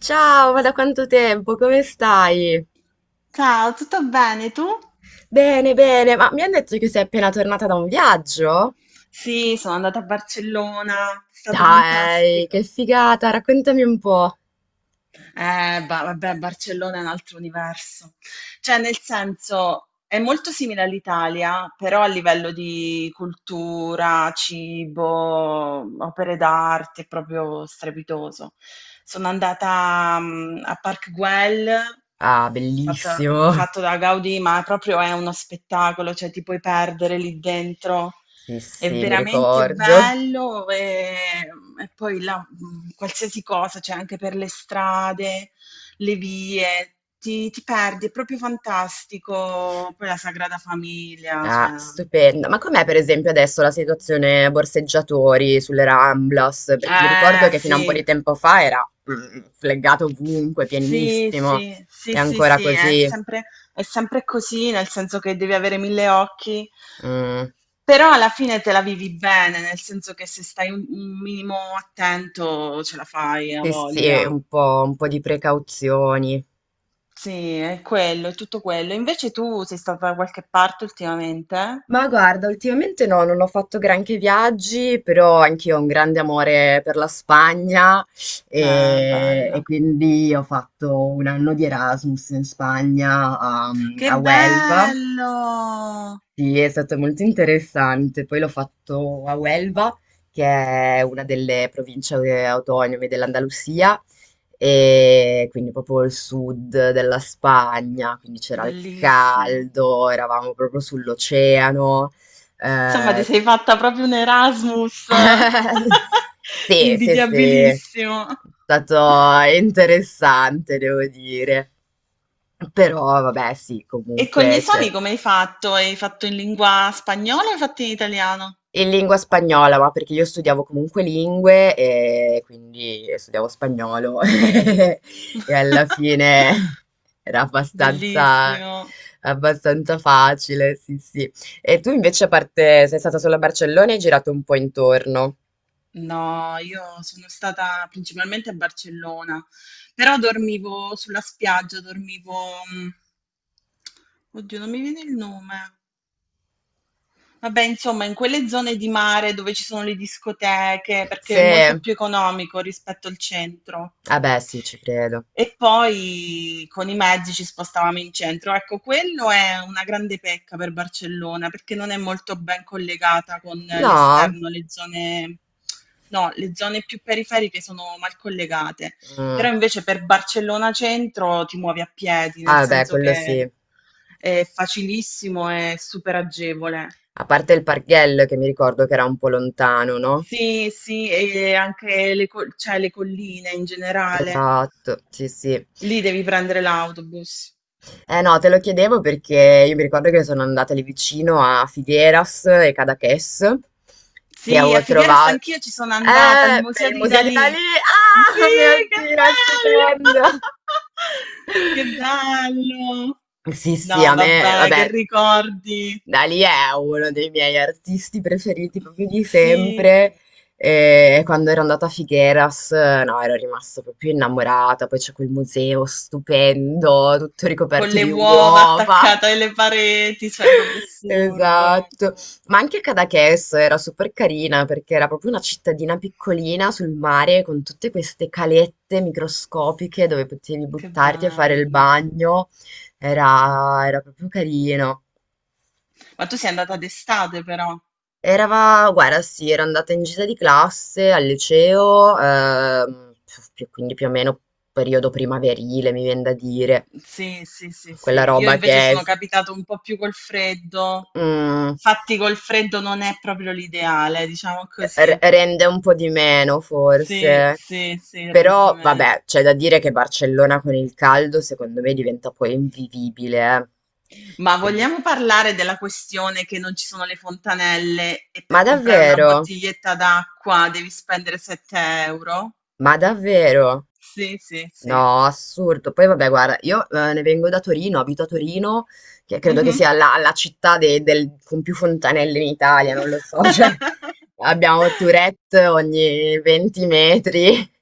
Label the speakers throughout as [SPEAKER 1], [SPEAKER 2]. [SPEAKER 1] Ciao, ma da quanto tempo? Come stai?
[SPEAKER 2] Ciao, tutto bene tu?
[SPEAKER 1] Bene, bene, ma mi hanno detto che sei appena tornata da un viaggio?
[SPEAKER 2] Sì, sono andata a Barcellona, è stato
[SPEAKER 1] Dai, che
[SPEAKER 2] fantastico.
[SPEAKER 1] figata, raccontami un po'.
[SPEAKER 2] Vabbè, Barcellona è un altro universo. Cioè, nel senso, è molto simile all'Italia, però a livello di cultura, cibo, opere d'arte, è proprio strepitoso. Sono andata, a Park Güell,
[SPEAKER 1] Ah, bellissimo.
[SPEAKER 2] fatto da Gaudì, ma proprio è uno spettacolo, cioè ti puoi perdere lì dentro.
[SPEAKER 1] Sì,
[SPEAKER 2] È
[SPEAKER 1] sì, mi
[SPEAKER 2] veramente
[SPEAKER 1] ricordo.
[SPEAKER 2] bello, e poi là, qualsiasi cosa, cioè anche per le strade, le vie, ti perdi, è proprio fantastico. Poi la Sagrada Famiglia, cioè
[SPEAKER 1] Ah, stupendo. Ma com'è per esempio adesso la situazione borseggiatori sulle Ramblas? Perché mi ricordo
[SPEAKER 2] eh
[SPEAKER 1] che fino a
[SPEAKER 2] sì.
[SPEAKER 1] un po' di tempo fa era fleggato ovunque,
[SPEAKER 2] Sì,
[SPEAKER 1] pienissimo.
[SPEAKER 2] sì, sì,
[SPEAKER 1] È
[SPEAKER 2] sì,
[SPEAKER 1] ancora
[SPEAKER 2] sì, è
[SPEAKER 1] così.
[SPEAKER 2] sempre, è sempre così, nel senso che devi avere 1000 occhi,
[SPEAKER 1] Mm.
[SPEAKER 2] però alla fine te la vivi bene, nel senso che se stai un minimo attento ce la fai, a
[SPEAKER 1] Sì,
[SPEAKER 2] voglia.
[SPEAKER 1] sì, un po' di precauzioni.
[SPEAKER 2] Sì, è quello, è tutto quello. Invece tu sei stata da qualche parte ultimamente?
[SPEAKER 1] Ma guarda, ultimamente no, non ho fatto granché viaggi, però anch'io ho un grande amore per la Spagna
[SPEAKER 2] Beh,
[SPEAKER 1] e,
[SPEAKER 2] bella.
[SPEAKER 1] quindi ho fatto un anno di Erasmus in Spagna a,
[SPEAKER 2] Che
[SPEAKER 1] a Huelva,
[SPEAKER 2] bello!
[SPEAKER 1] sì, è stato molto interessante. Poi l'ho fatto a Huelva, che è una delle province, autonome dell'Andalusia, e quindi proprio il sud della Spagna, quindi c'era il
[SPEAKER 2] Bellissimo.
[SPEAKER 1] caldo, eravamo proprio sull'oceano.
[SPEAKER 2] Insomma, ti
[SPEAKER 1] Eh.
[SPEAKER 2] sei fatta proprio un Erasmus
[SPEAKER 1] Sì, sì, sì, è
[SPEAKER 2] invidiabilissimo.
[SPEAKER 1] stato interessante, devo dire. Però vabbè, sì,
[SPEAKER 2] E con gli
[SPEAKER 1] comunque c'era.
[SPEAKER 2] esami come hai fatto? Hai fatto in lingua spagnola o hai fatto in italiano?
[SPEAKER 1] In lingua spagnola, ma perché io studiavo comunque lingue e quindi studiavo spagnolo, e alla fine era abbastanza,
[SPEAKER 2] Bellissimo.
[SPEAKER 1] abbastanza facile, sì, sì. E tu invece, a parte, sei stata solo a Barcellona e hai girato un po' intorno.
[SPEAKER 2] No, io sono stata principalmente a Barcellona, però dormivo sulla spiaggia, dormivo, mm, Oddio, non mi viene il nome. Vabbè, insomma, in quelle zone di mare dove ci sono le discoteche, perché è molto
[SPEAKER 1] Se...
[SPEAKER 2] più economico rispetto al centro.
[SPEAKER 1] Ah beh, sì, ci credo.
[SPEAKER 2] E poi con i mezzi ci spostavamo in centro. Ecco, quello è una grande pecca per Barcellona, perché non è molto ben collegata con
[SPEAKER 1] No?
[SPEAKER 2] l'esterno, le zone, no, le zone più periferiche sono mal collegate. Però
[SPEAKER 1] Mm.
[SPEAKER 2] invece per Barcellona centro ti muovi a piedi, nel
[SPEAKER 1] Ah beh,
[SPEAKER 2] senso
[SPEAKER 1] quello sì.
[SPEAKER 2] che è facilissimo e super agevole.
[SPEAKER 1] A parte il Parghello, che mi ricordo che era un po' lontano, no?
[SPEAKER 2] Sì, sì, e anche le, col- cioè, le colline in generale.
[SPEAKER 1] Esatto, sì, sì.
[SPEAKER 2] Lì devi prendere l'autobus.
[SPEAKER 1] Eh no, te lo chiedevo perché io mi ricordo che sono andata lì vicino a Figueras e Cadaqués, che
[SPEAKER 2] Sì, a
[SPEAKER 1] avevo
[SPEAKER 2] Figueras
[SPEAKER 1] trovato...
[SPEAKER 2] anch'io ci sono andata, al
[SPEAKER 1] Per
[SPEAKER 2] museo
[SPEAKER 1] il
[SPEAKER 2] di
[SPEAKER 1] Museo di
[SPEAKER 2] Dalì.
[SPEAKER 1] Dalì!
[SPEAKER 2] Sì,
[SPEAKER 1] Ah, mio
[SPEAKER 2] che
[SPEAKER 1] Dio, è stupendo!
[SPEAKER 2] bello! Che bello!
[SPEAKER 1] Sì, sì, a
[SPEAKER 2] No,
[SPEAKER 1] me,
[SPEAKER 2] vabbè, che
[SPEAKER 1] vabbè,
[SPEAKER 2] ricordi.
[SPEAKER 1] Dalì è uno dei miei artisti preferiti proprio di
[SPEAKER 2] Sì,
[SPEAKER 1] sempre. E quando ero andata a Figueras, no, ero rimasta proprio innamorata. Poi c'è quel museo stupendo, tutto
[SPEAKER 2] con
[SPEAKER 1] ricoperto
[SPEAKER 2] le
[SPEAKER 1] di
[SPEAKER 2] uova
[SPEAKER 1] uova.
[SPEAKER 2] attaccate alle pareti, cioè è proprio assurdo.
[SPEAKER 1] Esatto, ma anche Cadaqués era super carina perché era proprio una cittadina piccolina sul mare con tutte queste calette microscopiche dove potevi
[SPEAKER 2] Che
[SPEAKER 1] buttarti a fare il
[SPEAKER 2] bello.
[SPEAKER 1] bagno, era, era proprio carino.
[SPEAKER 2] Ma tu sei andata d'estate però.
[SPEAKER 1] Era, guarda, sì, era andata in gita di classe al liceo, quindi più o meno periodo primaverile, mi viene da dire,
[SPEAKER 2] Sì, sì, sì, sì.
[SPEAKER 1] quella
[SPEAKER 2] Io
[SPEAKER 1] roba
[SPEAKER 2] invece
[SPEAKER 1] che è...
[SPEAKER 2] sono capitato un po' più col freddo.
[SPEAKER 1] mm,
[SPEAKER 2] Infatti col freddo non è proprio l'ideale, diciamo così.
[SPEAKER 1] rende un po' di meno
[SPEAKER 2] Sì,
[SPEAKER 1] forse.
[SPEAKER 2] sì, sì, rende di
[SPEAKER 1] Però
[SPEAKER 2] meno.
[SPEAKER 1] vabbè, c'è da dire che Barcellona con il caldo secondo me diventa poi invivibile. Eh.
[SPEAKER 2] Ma
[SPEAKER 1] Quindi-
[SPEAKER 2] vogliamo parlare della questione che non ci sono le fontanelle e per
[SPEAKER 1] ma
[SPEAKER 2] comprare una
[SPEAKER 1] davvero?
[SPEAKER 2] bottiglietta d'acqua devi spendere 7 euro?
[SPEAKER 1] Ma davvero?
[SPEAKER 2] Sì, sì, sì.
[SPEAKER 1] No, assurdo. Poi vabbè, guarda, io, ne vengo da Torino, abito a Torino, che credo che
[SPEAKER 2] Mhm.
[SPEAKER 1] sia la, la città con più fontanelle in Italia, non lo so, cioè abbiamo Tourette ogni 20 metri.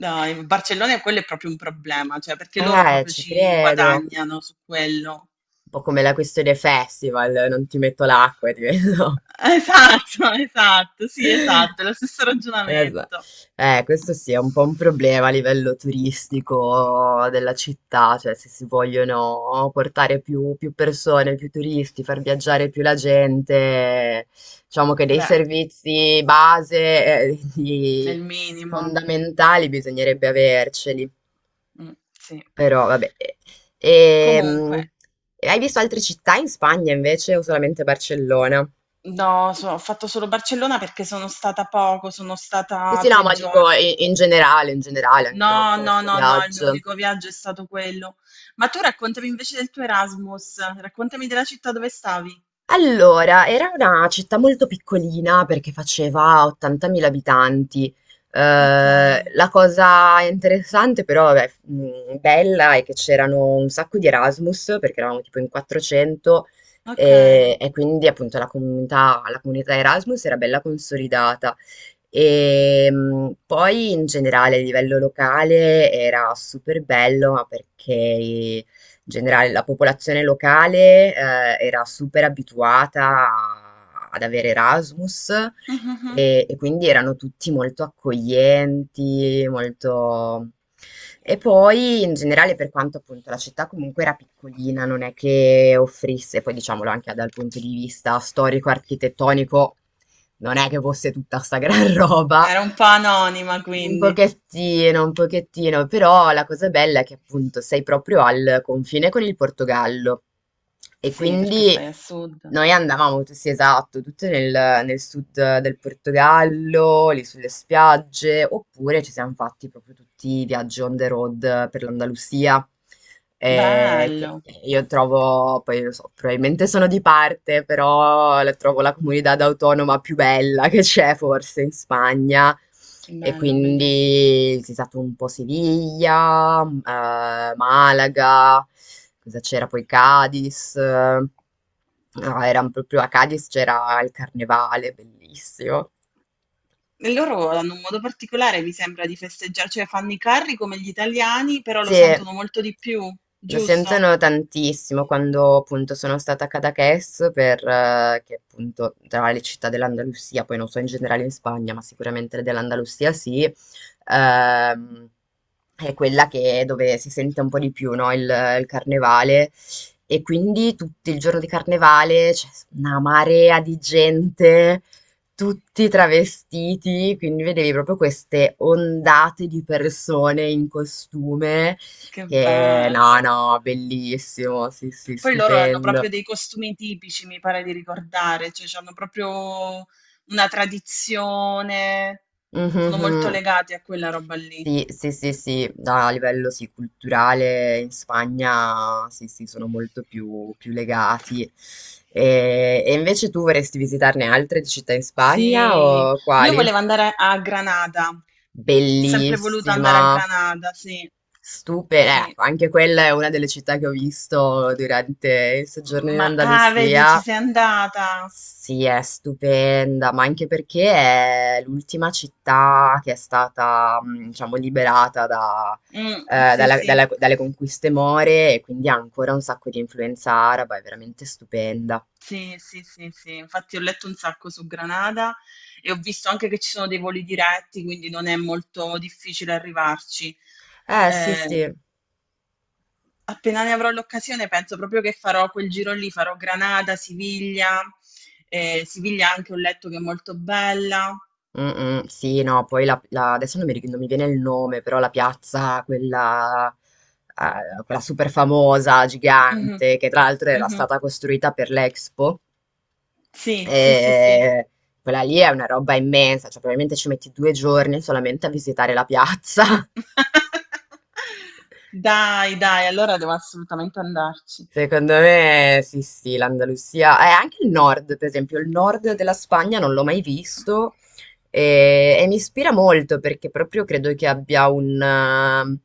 [SPEAKER 2] Dai, Barcellona quello è proprio un problema, cioè perché loro proprio
[SPEAKER 1] Ci
[SPEAKER 2] ci
[SPEAKER 1] credo.
[SPEAKER 2] guadagnano su quello.
[SPEAKER 1] Un po' come la questione festival, non ti metto l'acqua e ti vedo.
[SPEAKER 2] Esatto, esatto, sì, esatto, è lo stesso
[SPEAKER 1] Esa,
[SPEAKER 2] ragionamento.
[SPEAKER 1] questo sì, è un po' un problema a livello turistico della città, cioè se si vogliono portare più, più persone, più turisti, far viaggiare più la gente, diciamo che dei
[SPEAKER 2] Beh,
[SPEAKER 1] servizi base, eh,
[SPEAKER 2] è
[SPEAKER 1] di-
[SPEAKER 2] il minimo.
[SPEAKER 1] fondamentali bisognerebbe averceli.
[SPEAKER 2] Mm, sì.
[SPEAKER 1] Però vabbè.
[SPEAKER 2] Comunque,
[SPEAKER 1] Ehm, hai visto altre città in Spagna invece o solamente Barcellona?
[SPEAKER 2] no, ho fatto solo Barcellona perché sono stata poco, sono
[SPEAKER 1] Sì,
[SPEAKER 2] stata
[SPEAKER 1] sì, no,
[SPEAKER 2] tre
[SPEAKER 1] ma dico
[SPEAKER 2] giorni.
[SPEAKER 1] i in generale, anche non
[SPEAKER 2] No,
[SPEAKER 1] solo
[SPEAKER 2] no,
[SPEAKER 1] 'sto
[SPEAKER 2] no, no, il mio
[SPEAKER 1] viaggio.
[SPEAKER 2] unico viaggio è stato quello. Ma tu raccontami invece del tuo Erasmus, raccontami della città dove stavi.
[SPEAKER 1] Allora, era una città molto piccolina perché faceva 80.000 abitanti.
[SPEAKER 2] Ok,
[SPEAKER 1] La cosa interessante però, vabbè, bella, è che c'erano un sacco di Erasmus perché eravamo tipo in 400,
[SPEAKER 2] ok.
[SPEAKER 1] e, quindi appunto la comunità Erasmus era bella consolidata. E poi in generale a livello locale era super bello ma perché in generale la popolazione locale, era super abituata ad avere Erasmus
[SPEAKER 2] Mhm.
[SPEAKER 1] e, quindi erano tutti molto accoglienti, molto... E poi in generale per quanto appunto la città comunque era piccolina, non è che offrisse, poi diciamolo anche dal punto di vista storico-architettonico, non è che fosse tutta sta gran roba,
[SPEAKER 2] Era un po' anonima, quindi.
[SPEAKER 1] un pochettino, però la cosa bella è che appunto sei proprio al confine con il Portogallo e
[SPEAKER 2] Sì, perché
[SPEAKER 1] quindi
[SPEAKER 2] stai a sud.
[SPEAKER 1] noi andavamo, sì esatto, tutte nel, nel sud del Portogallo, lì sulle spiagge, oppure ci siamo fatti proprio tutti i viaggi on the road per l'Andalusia,
[SPEAKER 2] Bello,
[SPEAKER 1] che io trovo, poi lo so, probabilmente sono di parte, però la trovo la comunità autonoma più bella che c'è forse in Spagna. E
[SPEAKER 2] bello, bellissimo.
[SPEAKER 1] quindi si è stato un po' Siviglia, Malaga, cosa c'era poi Cadiz. Eh, no, era proprio a Cadiz c'era il carnevale, bellissimo.
[SPEAKER 2] E loro hanno un modo particolare, mi sembra, di festeggiare, cioè fanno i carri come gli italiani, però lo
[SPEAKER 1] Sì,
[SPEAKER 2] sentono molto di più,
[SPEAKER 1] lo
[SPEAKER 2] giusto?
[SPEAKER 1] sentono tantissimo quando appunto sono stata a Cadaqués per, che appunto tra le città dell'Andalusia, poi non so in generale in Spagna, ma sicuramente dell'Andalusia sì, è quella che, dove si sente un po' di più, no? Il carnevale. E quindi tutto il giorno di carnevale c'è una marea di gente tutti travestiti, quindi vedevi proprio queste ondate di persone in costume
[SPEAKER 2] Che
[SPEAKER 1] che no,
[SPEAKER 2] bello.
[SPEAKER 1] no, bellissimo, sì, sì,
[SPEAKER 2] Poi loro hanno proprio
[SPEAKER 1] stupendo.
[SPEAKER 2] dei costumi tipici, mi pare di ricordare, cioè hanno proprio una tradizione, sono molto
[SPEAKER 1] Mhm.
[SPEAKER 2] legati a quella roba lì.
[SPEAKER 1] Sì, sì, sì, sì, no, a livello sì, culturale in Spagna sì, sì, sono molto più, più legati. E, invece tu vorresti visitarne altre di città in Spagna
[SPEAKER 2] Sì,
[SPEAKER 1] o
[SPEAKER 2] io
[SPEAKER 1] quali?
[SPEAKER 2] volevo andare a Granada, sempre voluto andare a
[SPEAKER 1] Bellissima.
[SPEAKER 2] Granada, sì,
[SPEAKER 1] Stupenda,
[SPEAKER 2] sì,
[SPEAKER 1] ecco, anche quella è una delle città che ho visto durante il soggiorno in
[SPEAKER 2] ma ah, vedi, ci
[SPEAKER 1] Andalusia.
[SPEAKER 2] sei andata.
[SPEAKER 1] Sì, è stupenda, ma anche perché è l'ultima città che è stata, diciamo, liberata da,
[SPEAKER 2] Mm, sì, sì.
[SPEAKER 1] dalle conquiste more e quindi ha ancora un sacco di influenza araba, è veramente stupenda.
[SPEAKER 2] Sì, sì, sì, sì, infatti ho letto un sacco su Granada e ho visto anche che ci sono dei voli diretti, quindi non è molto difficile arrivarci.
[SPEAKER 1] Sì,
[SPEAKER 2] Eh,
[SPEAKER 1] sì.
[SPEAKER 2] appena ne avrò l'occasione, penso proprio che farò quel giro lì, farò Granada, Siviglia, Siviglia anche ho letto che è molto bella.
[SPEAKER 1] Mh-mh, sì, no, poi la adesso non mi viene il nome, però la piazza quella, quella super famosa,
[SPEAKER 2] Mhm,
[SPEAKER 1] gigante, che tra l'altro era
[SPEAKER 2] mhm.
[SPEAKER 1] stata costruita per l'Expo.
[SPEAKER 2] Sì, sì, sì, sì.
[SPEAKER 1] Ehm, quella lì è una roba immensa, cioè probabilmente ci metti 2 giorni solamente a visitare la piazza.
[SPEAKER 2] Dai, dai, allora devo assolutamente andarci.
[SPEAKER 1] Secondo me sì, sì, l'Andalusia e anche il nord, per esempio, il nord della Spagna non l'ho mai visto e, mi ispira molto perché proprio credo che abbia un,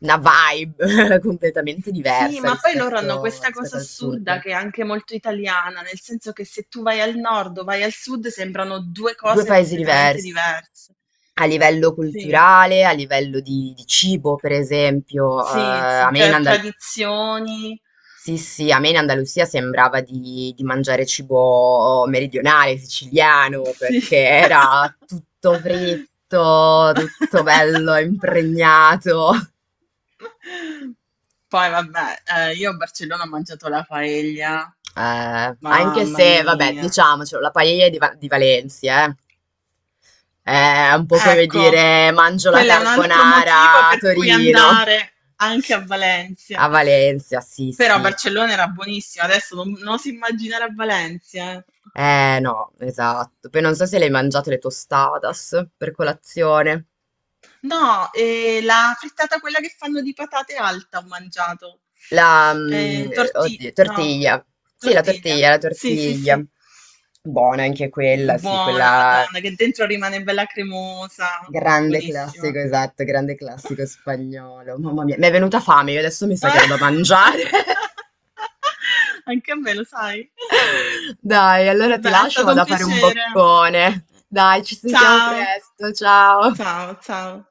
[SPEAKER 1] una vibe completamente
[SPEAKER 2] Sì,
[SPEAKER 1] diversa
[SPEAKER 2] ma poi loro hanno
[SPEAKER 1] rispetto,
[SPEAKER 2] questa
[SPEAKER 1] rispetto
[SPEAKER 2] cosa
[SPEAKER 1] al
[SPEAKER 2] assurda
[SPEAKER 1] sud.
[SPEAKER 2] che è anche molto italiana, nel senso che se tu vai al nord o vai al sud sembrano due
[SPEAKER 1] Due
[SPEAKER 2] cose
[SPEAKER 1] paesi
[SPEAKER 2] completamente
[SPEAKER 1] diversi
[SPEAKER 2] diverse.
[SPEAKER 1] a livello
[SPEAKER 2] Sì,
[SPEAKER 1] culturale, a livello di cibo, per esempio.
[SPEAKER 2] sì, sì,
[SPEAKER 1] A me in
[SPEAKER 2] cioè
[SPEAKER 1] Andalusia.
[SPEAKER 2] tradizioni.
[SPEAKER 1] Sì, sì, a me in Andalusia sembrava di mangiare cibo, oh, meridionale, siciliano,
[SPEAKER 2] Sì.
[SPEAKER 1] perché era tutto fritto, tutto bello, impregnato.
[SPEAKER 2] Poi vabbè, io a Barcellona ho mangiato la paella,
[SPEAKER 1] Anche
[SPEAKER 2] mamma
[SPEAKER 1] se, vabbè,
[SPEAKER 2] mia.
[SPEAKER 1] diciamocelo, la paella di, di Valencia, eh. È un po' come
[SPEAKER 2] Ecco,
[SPEAKER 1] dire mangio la
[SPEAKER 2] quello è un altro motivo
[SPEAKER 1] carbonara a
[SPEAKER 2] per cui
[SPEAKER 1] Torino.
[SPEAKER 2] andare anche a Valencia.
[SPEAKER 1] A Valencia, sì,
[SPEAKER 2] Però
[SPEAKER 1] sì.
[SPEAKER 2] Barcellona era buonissima, adesso non, non si immaginare a Valencia, eh.
[SPEAKER 1] Eh no, esatto. Poi non so se le hai mangiato le tostadas per colazione.
[SPEAKER 2] No, la frittata quella che fanno di patate alta ho mangiato.
[SPEAKER 1] La, mm,
[SPEAKER 2] Torti-
[SPEAKER 1] oddio,
[SPEAKER 2] no,
[SPEAKER 1] tortiglia. Sì, la
[SPEAKER 2] tortiglia.
[SPEAKER 1] tortiglia, la
[SPEAKER 2] Sì, sì,
[SPEAKER 1] tortiglia.
[SPEAKER 2] sì.
[SPEAKER 1] Buona anche quella, sì,
[SPEAKER 2] Buona,
[SPEAKER 1] quella
[SPEAKER 2] Madonna, che dentro rimane bella cremosa.
[SPEAKER 1] grande
[SPEAKER 2] Buonissima.
[SPEAKER 1] classico, esatto, grande classico spagnolo. Mamma mia, mi è venuta fame, io adesso mi sa che vado a mangiare.
[SPEAKER 2] Anche a me, lo sai.
[SPEAKER 1] Dai, allora ti
[SPEAKER 2] Vabbè, è
[SPEAKER 1] lascio,
[SPEAKER 2] stato un
[SPEAKER 1] vado a fare un
[SPEAKER 2] piacere.
[SPEAKER 1] boccone. Dai, ci sentiamo
[SPEAKER 2] Ciao.
[SPEAKER 1] presto, ciao.
[SPEAKER 2] Ciao, ciao.